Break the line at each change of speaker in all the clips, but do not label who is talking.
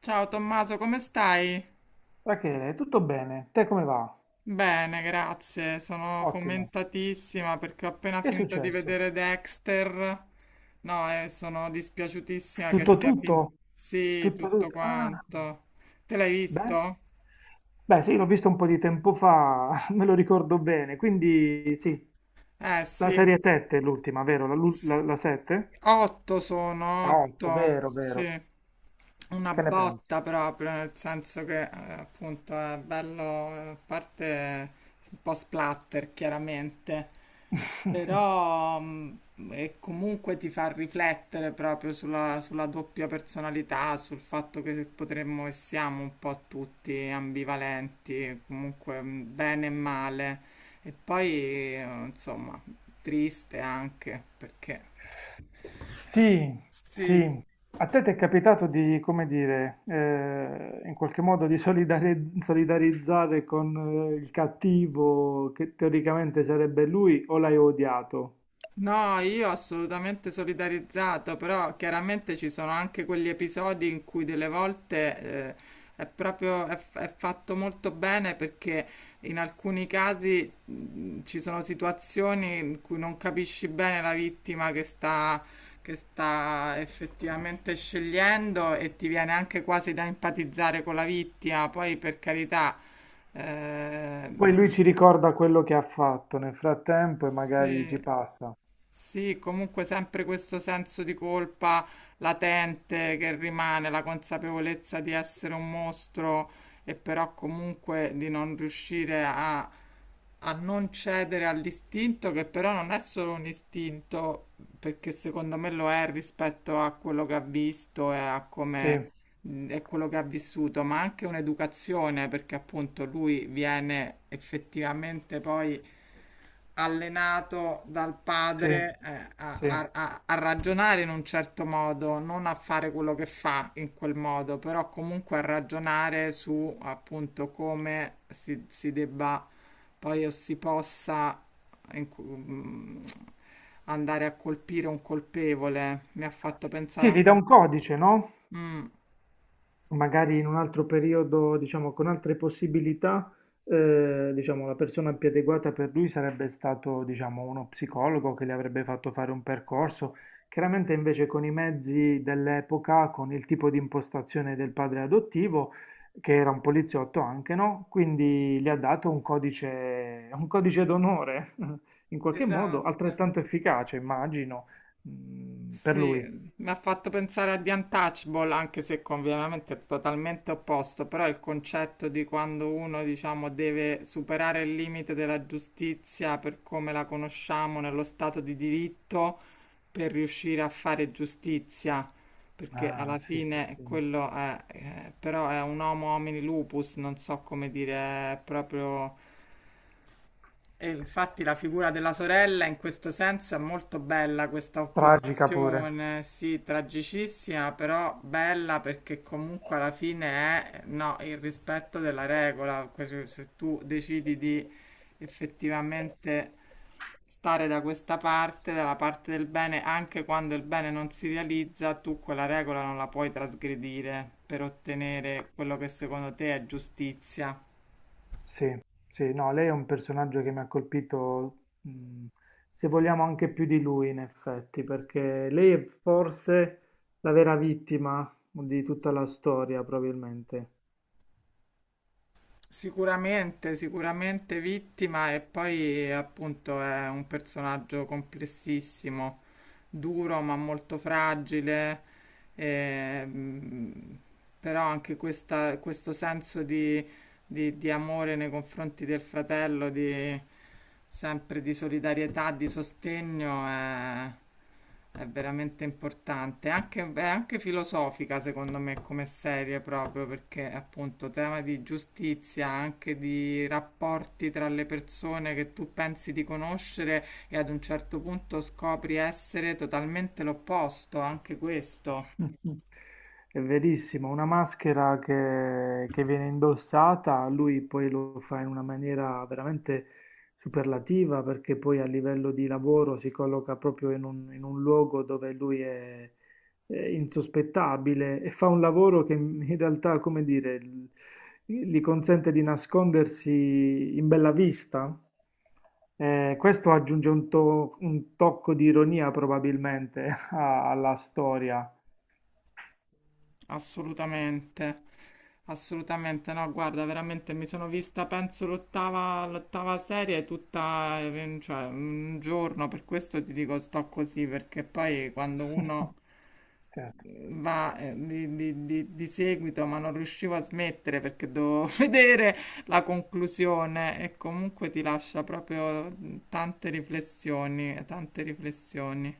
Ciao Tommaso, come stai?
Rachele, tutto bene? Te come va?
Bene, grazie. Sono
Ottimo.
fomentatissima perché ho appena
Che è
finito di
successo?
vedere Dexter. No, e sono dispiaciutissima che
Tutto
sia finito.
tutto?
Sì,
Tutto
tutto
tutto? Ah,
quanto. Te l'hai
beh.
visto?
Beh, sì, l'ho visto un po' di tempo fa, me lo ricordo bene. Quindi sì,
Eh
la
sì,
serie 7 è l'ultima, vero? La, lu-
S-
la, 7?
otto sono,
La 8,
otto,
vero, vero.
sì. Una
Che ne pensi?
botta proprio, nel senso che appunto è bello, a parte un po' splatter chiaramente, Però e comunque ti fa riflettere proprio sulla doppia personalità, sul fatto che potremmo e siamo un po' tutti ambivalenti, comunque bene e male. E poi, insomma, triste anche perché.
Sì,
Sì,
sì. A te ti è capitato di, come dire, in qualche modo di solidarizzare con il cattivo che teoricamente sarebbe lui o l'hai odiato?
no, io assolutamente solidarizzato, però chiaramente ci sono anche quegli episodi in cui delle volte eh, è proprio è fatto molto bene perché in alcuni casi ci sono situazioni in cui non capisci bene la vittima che sta effettivamente scegliendo e ti viene anche quasi da empatizzare con la vittima, poi per carità. Eh,
Poi lui ci ricorda quello che ha fatto nel frattempo e magari ci
sì,
passa.
sì, comunque sempre questo senso di colpa latente che rimane, la consapevolezza di essere un mostro e però comunque di non riuscire a non cedere all'istinto, che però non è solo un istinto, perché secondo me lo è rispetto a quello che ha visto e a
Sì,
come e quello che ha vissuto, ma anche un'educazione, perché appunto lui viene effettivamente poi allenato dal
sì,
padre
sì.
a ragionare in un certo modo, non a fare quello che fa in quel modo, però comunque a ragionare su appunto come si debba poi o si possa in cu- mm, andare a colpire un colpevole. Mi ha fatto pensare
Sì, gli
anche
dà
un
un codice, no?
po'. Mm,
Magari in un altro periodo, diciamo, con altre possibilità, diciamo, la persona più adeguata per lui sarebbe stato, diciamo, uno psicologo che le avrebbe fatto fare un percorso. Chiaramente invece con i mezzi dell'epoca, con il tipo di impostazione del padre adottivo, che era un poliziotto anche, no? Quindi le ha dato un codice d'onore, in qualche modo,
esatto.
altrettanto efficace, immagino, per
Sì,
lui.
mi ha fatto pensare a The Untouchable, anche se ovviamente è totalmente opposto, però il concetto di quando uno, diciamo, deve superare il limite della giustizia per come la conosciamo nello stato di diritto per riuscire a fare giustizia, perché
Ah,
alla
sì, sì,
fine
sì.
quello è, però è un homo homini lupus, non so come dire, è proprio e infatti la figura della sorella in questo senso è molto bella, questa
Tragica pure.
opposizione, sì, tragicissima, però bella perché comunque alla fine è, no, il rispetto della regola, se tu decidi di effettivamente stare da questa parte, dalla parte del bene, anche quando il bene non si realizza, tu quella regola non la puoi trasgredire per ottenere quello che secondo te è giustizia.
Sì, sì, no, lei è un personaggio che mi ha colpito, se vogliamo anche più di lui in effetti, perché lei è forse la vera vittima di tutta la storia, probabilmente.
Sicuramente, sicuramente vittima e poi appunto è un personaggio complessissimo duro ma molto fragile, ehm, però anche questo senso di, di amore nei confronti del fratello, di, sempre di solidarietà, di sostegno, è veramente importante. È anche filosofica, secondo me, come serie proprio, perché appunto tema di giustizia, anche di rapporti tra le persone che tu pensi di conoscere e ad un certo punto scopri essere totalmente l'opposto, anche questo,
È verissimo, una maschera che viene indossata, lui poi lo fa in una maniera veramente superlativa perché poi a livello di lavoro si colloca proprio in un luogo dove lui è insospettabile e fa un lavoro che in realtà, come dire, gli consente di nascondersi in bella vista. Questo aggiunge un tocco di ironia probabilmente alla storia.
assolutamente. Assolutamente no, guarda, veramente mi sono vista, penso, l'ottava serie tutta, cioè, un giorno, per questo ti dico sto così, perché poi quando uno
Certo.
va di seguito, ma non riuscivo a smettere perché dovevo vedere la conclusione e comunque ti lascia proprio tante riflessioni, tante riflessioni.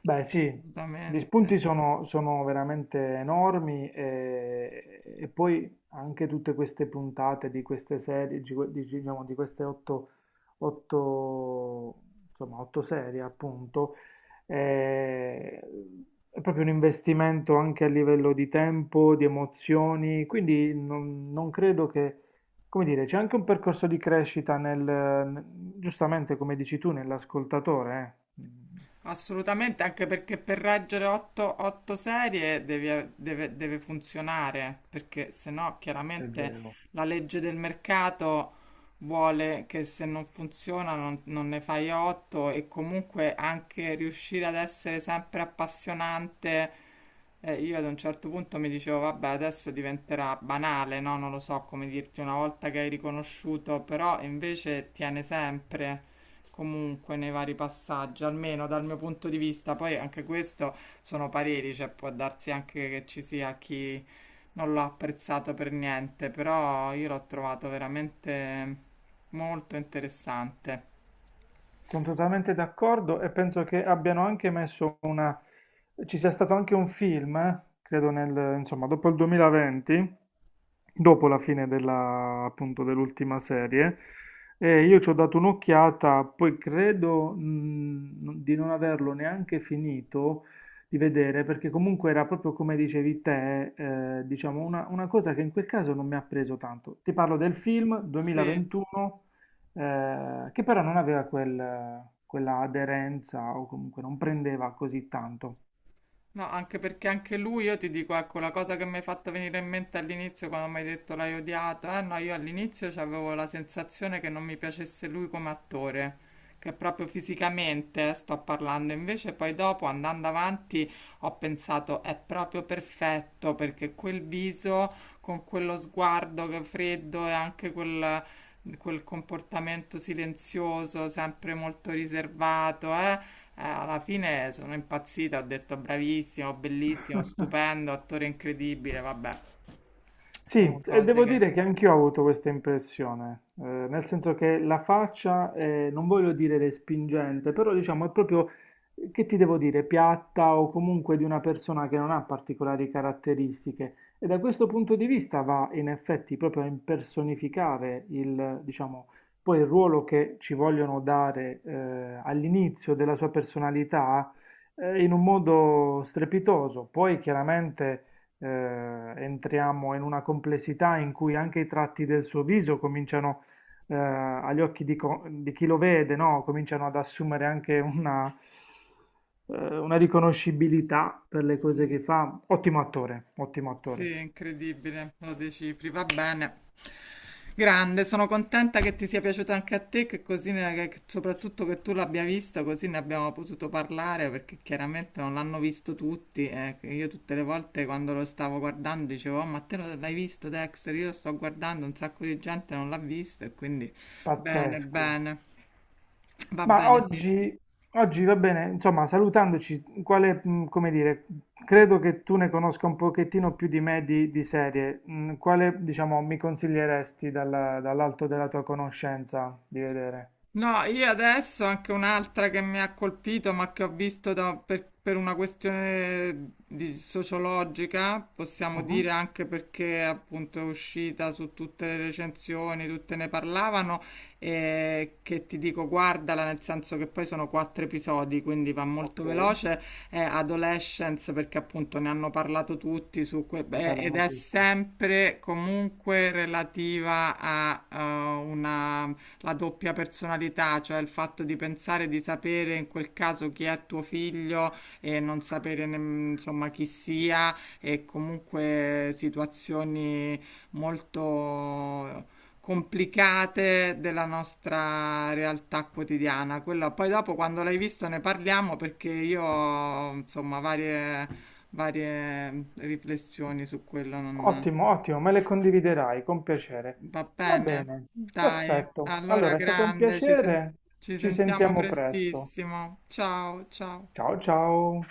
Beh sì, gli
Assolutamente,
spunti sono veramente enormi e poi anche tutte queste puntate di queste serie, diciamo, di queste otto, insomma, otto serie appunto, eh, è proprio un investimento anche a livello di tempo, di emozioni, quindi non credo che, come dire, c'è anche un percorso di crescita nel, giustamente come dici tu, nell'ascoltatore.
assolutamente, anche perché per reggere 8 serie deve funzionare, perché se no
È
chiaramente
vero,
la legge del mercato vuole che se non funziona non, non ne fai 8 e comunque anche riuscire ad essere sempre appassionante. Io ad un certo punto mi dicevo, vabbè, adesso diventerà banale, no? Non lo so come dirti una volta che hai riconosciuto, però invece tiene sempre comunque nei vari passaggi, almeno dal mio punto di vista. Poi anche questo sono pareri, cioè può darsi anche che ci sia chi non l'ha apprezzato per niente, però io l'ho trovato veramente molto interessante.
sono totalmente d'accordo e penso che abbiano anche messo una, ci sia stato anche un film, credo nel, insomma, dopo il 2020, dopo la fine appunto, dell'ultima serie. E io ci ho dato un'occhiata, poi credo, di non averlo neanche finito di vedere, perché comunque era proprio come dicevi te, diciamo una cosa che in quel caso non mi ha preso tanto. Ti parlo del film
Sì,
2021, che però non aveva quella aderenza o comunque non prendeva così tanto.
no, anche perché anche lui, io ti dico, ecco, la cosa che mi hai fatto venire in mente all'inizio quando mi hai detto l'hai odiato, eh no, io all'inizio avevo la sensazione che non mi piacesse lui come attore, che proprio fisicamente sto parlando, invece poi dopo andando avanti ho pensato è proprio perfetto perché quel viso con quello sguardo che è freddo e anche quel... quel comportamento silenzioso, sempre molto riservato, alla fine sono impazzita, ho detto bravissimo, bellissimo, stupendo, attore incredibile, vabbè,
Sì,
sono
e
cose
devo
che...
dire che anch'io ho avuto questa impressione, nel senso che la faccia, non voglio dire respingente, però diciamo è proprio, che ti devo dire, piatta o comunque di una persona che non ha particolari caratteristiche. E da questo punto di vista va in effetti proprio a impersonificare diciamo, poi il ruolo che ci vogliono dare, all'inizio della sua personalità, in un modo strepitoso. Poi chiaramente entriamo in una complessità in cui anche i tratti del suo viso cominciano, agli occhi di chi lo vede, no? Cominciano ad assumere anche una riconoscibilità per le cose
Sì,
che fa. Ottimo attore,
sì, incredibile, lo decifri, va bene. Grande, sono contenta che ti sia piaciuto anche a te, che così soprattutto che tu l'abbia visto, così ne abbiamo potuto parlare, perché chiaramente non l'hanno visto tutti. Eh, che io tutte le volte quando lo stavo guardando dicevo, "Oh, ma l'hai visto Dexter? Io lo sto guardando, un sacco di gente non l'ha visto e quindi bene,
pazzesco.
bene. Va
Ma
bene, sì.
oggi va bene, insomma, salutandoci, quale, come dire, credo che tu ne conosca un pochettino più di me di serie. Quale, diciamo, mi consiglieresti dall'alto della tua conoscenza di vedere?
No, io adesso anche un'altra che mi ha colpito, ma che ho visto per una questione di sociologica, possiamo
Mhm.
dire anche perché appunto è uscita su tutte le recensioni, tutte ne parlavano, e che ti dico guardala, nel senso che poi sono 4 episodi, quindi va molto
Ok, ne
veloce, è Adolescence perché appunto ne hanno parlato tutti su beh, ed
parlano
è
tutti.
sempre comunque relativa a una la doppia personalità, cioè il fatto di pensare di sapere in quel caso chi è tuo figlio e non sapere insomma chi sia e comunque situazioni molto complicate della nostra realtà quotidiana. Quello, poi dopo quando l'hai visto ne parliamo perché io ho, insomma varie, varie riflessioni su quello non
Ottimo, ottimo, me le condividerai con piacere.
va
Va
bene,
bene,
dai,
perfetto.
allora
Allora, è stato un
grande,
piacere.
ci
Ci
sentiamo
sentiamo presto.
prestissimo. Ciao, ciao.
Ciao, ciao.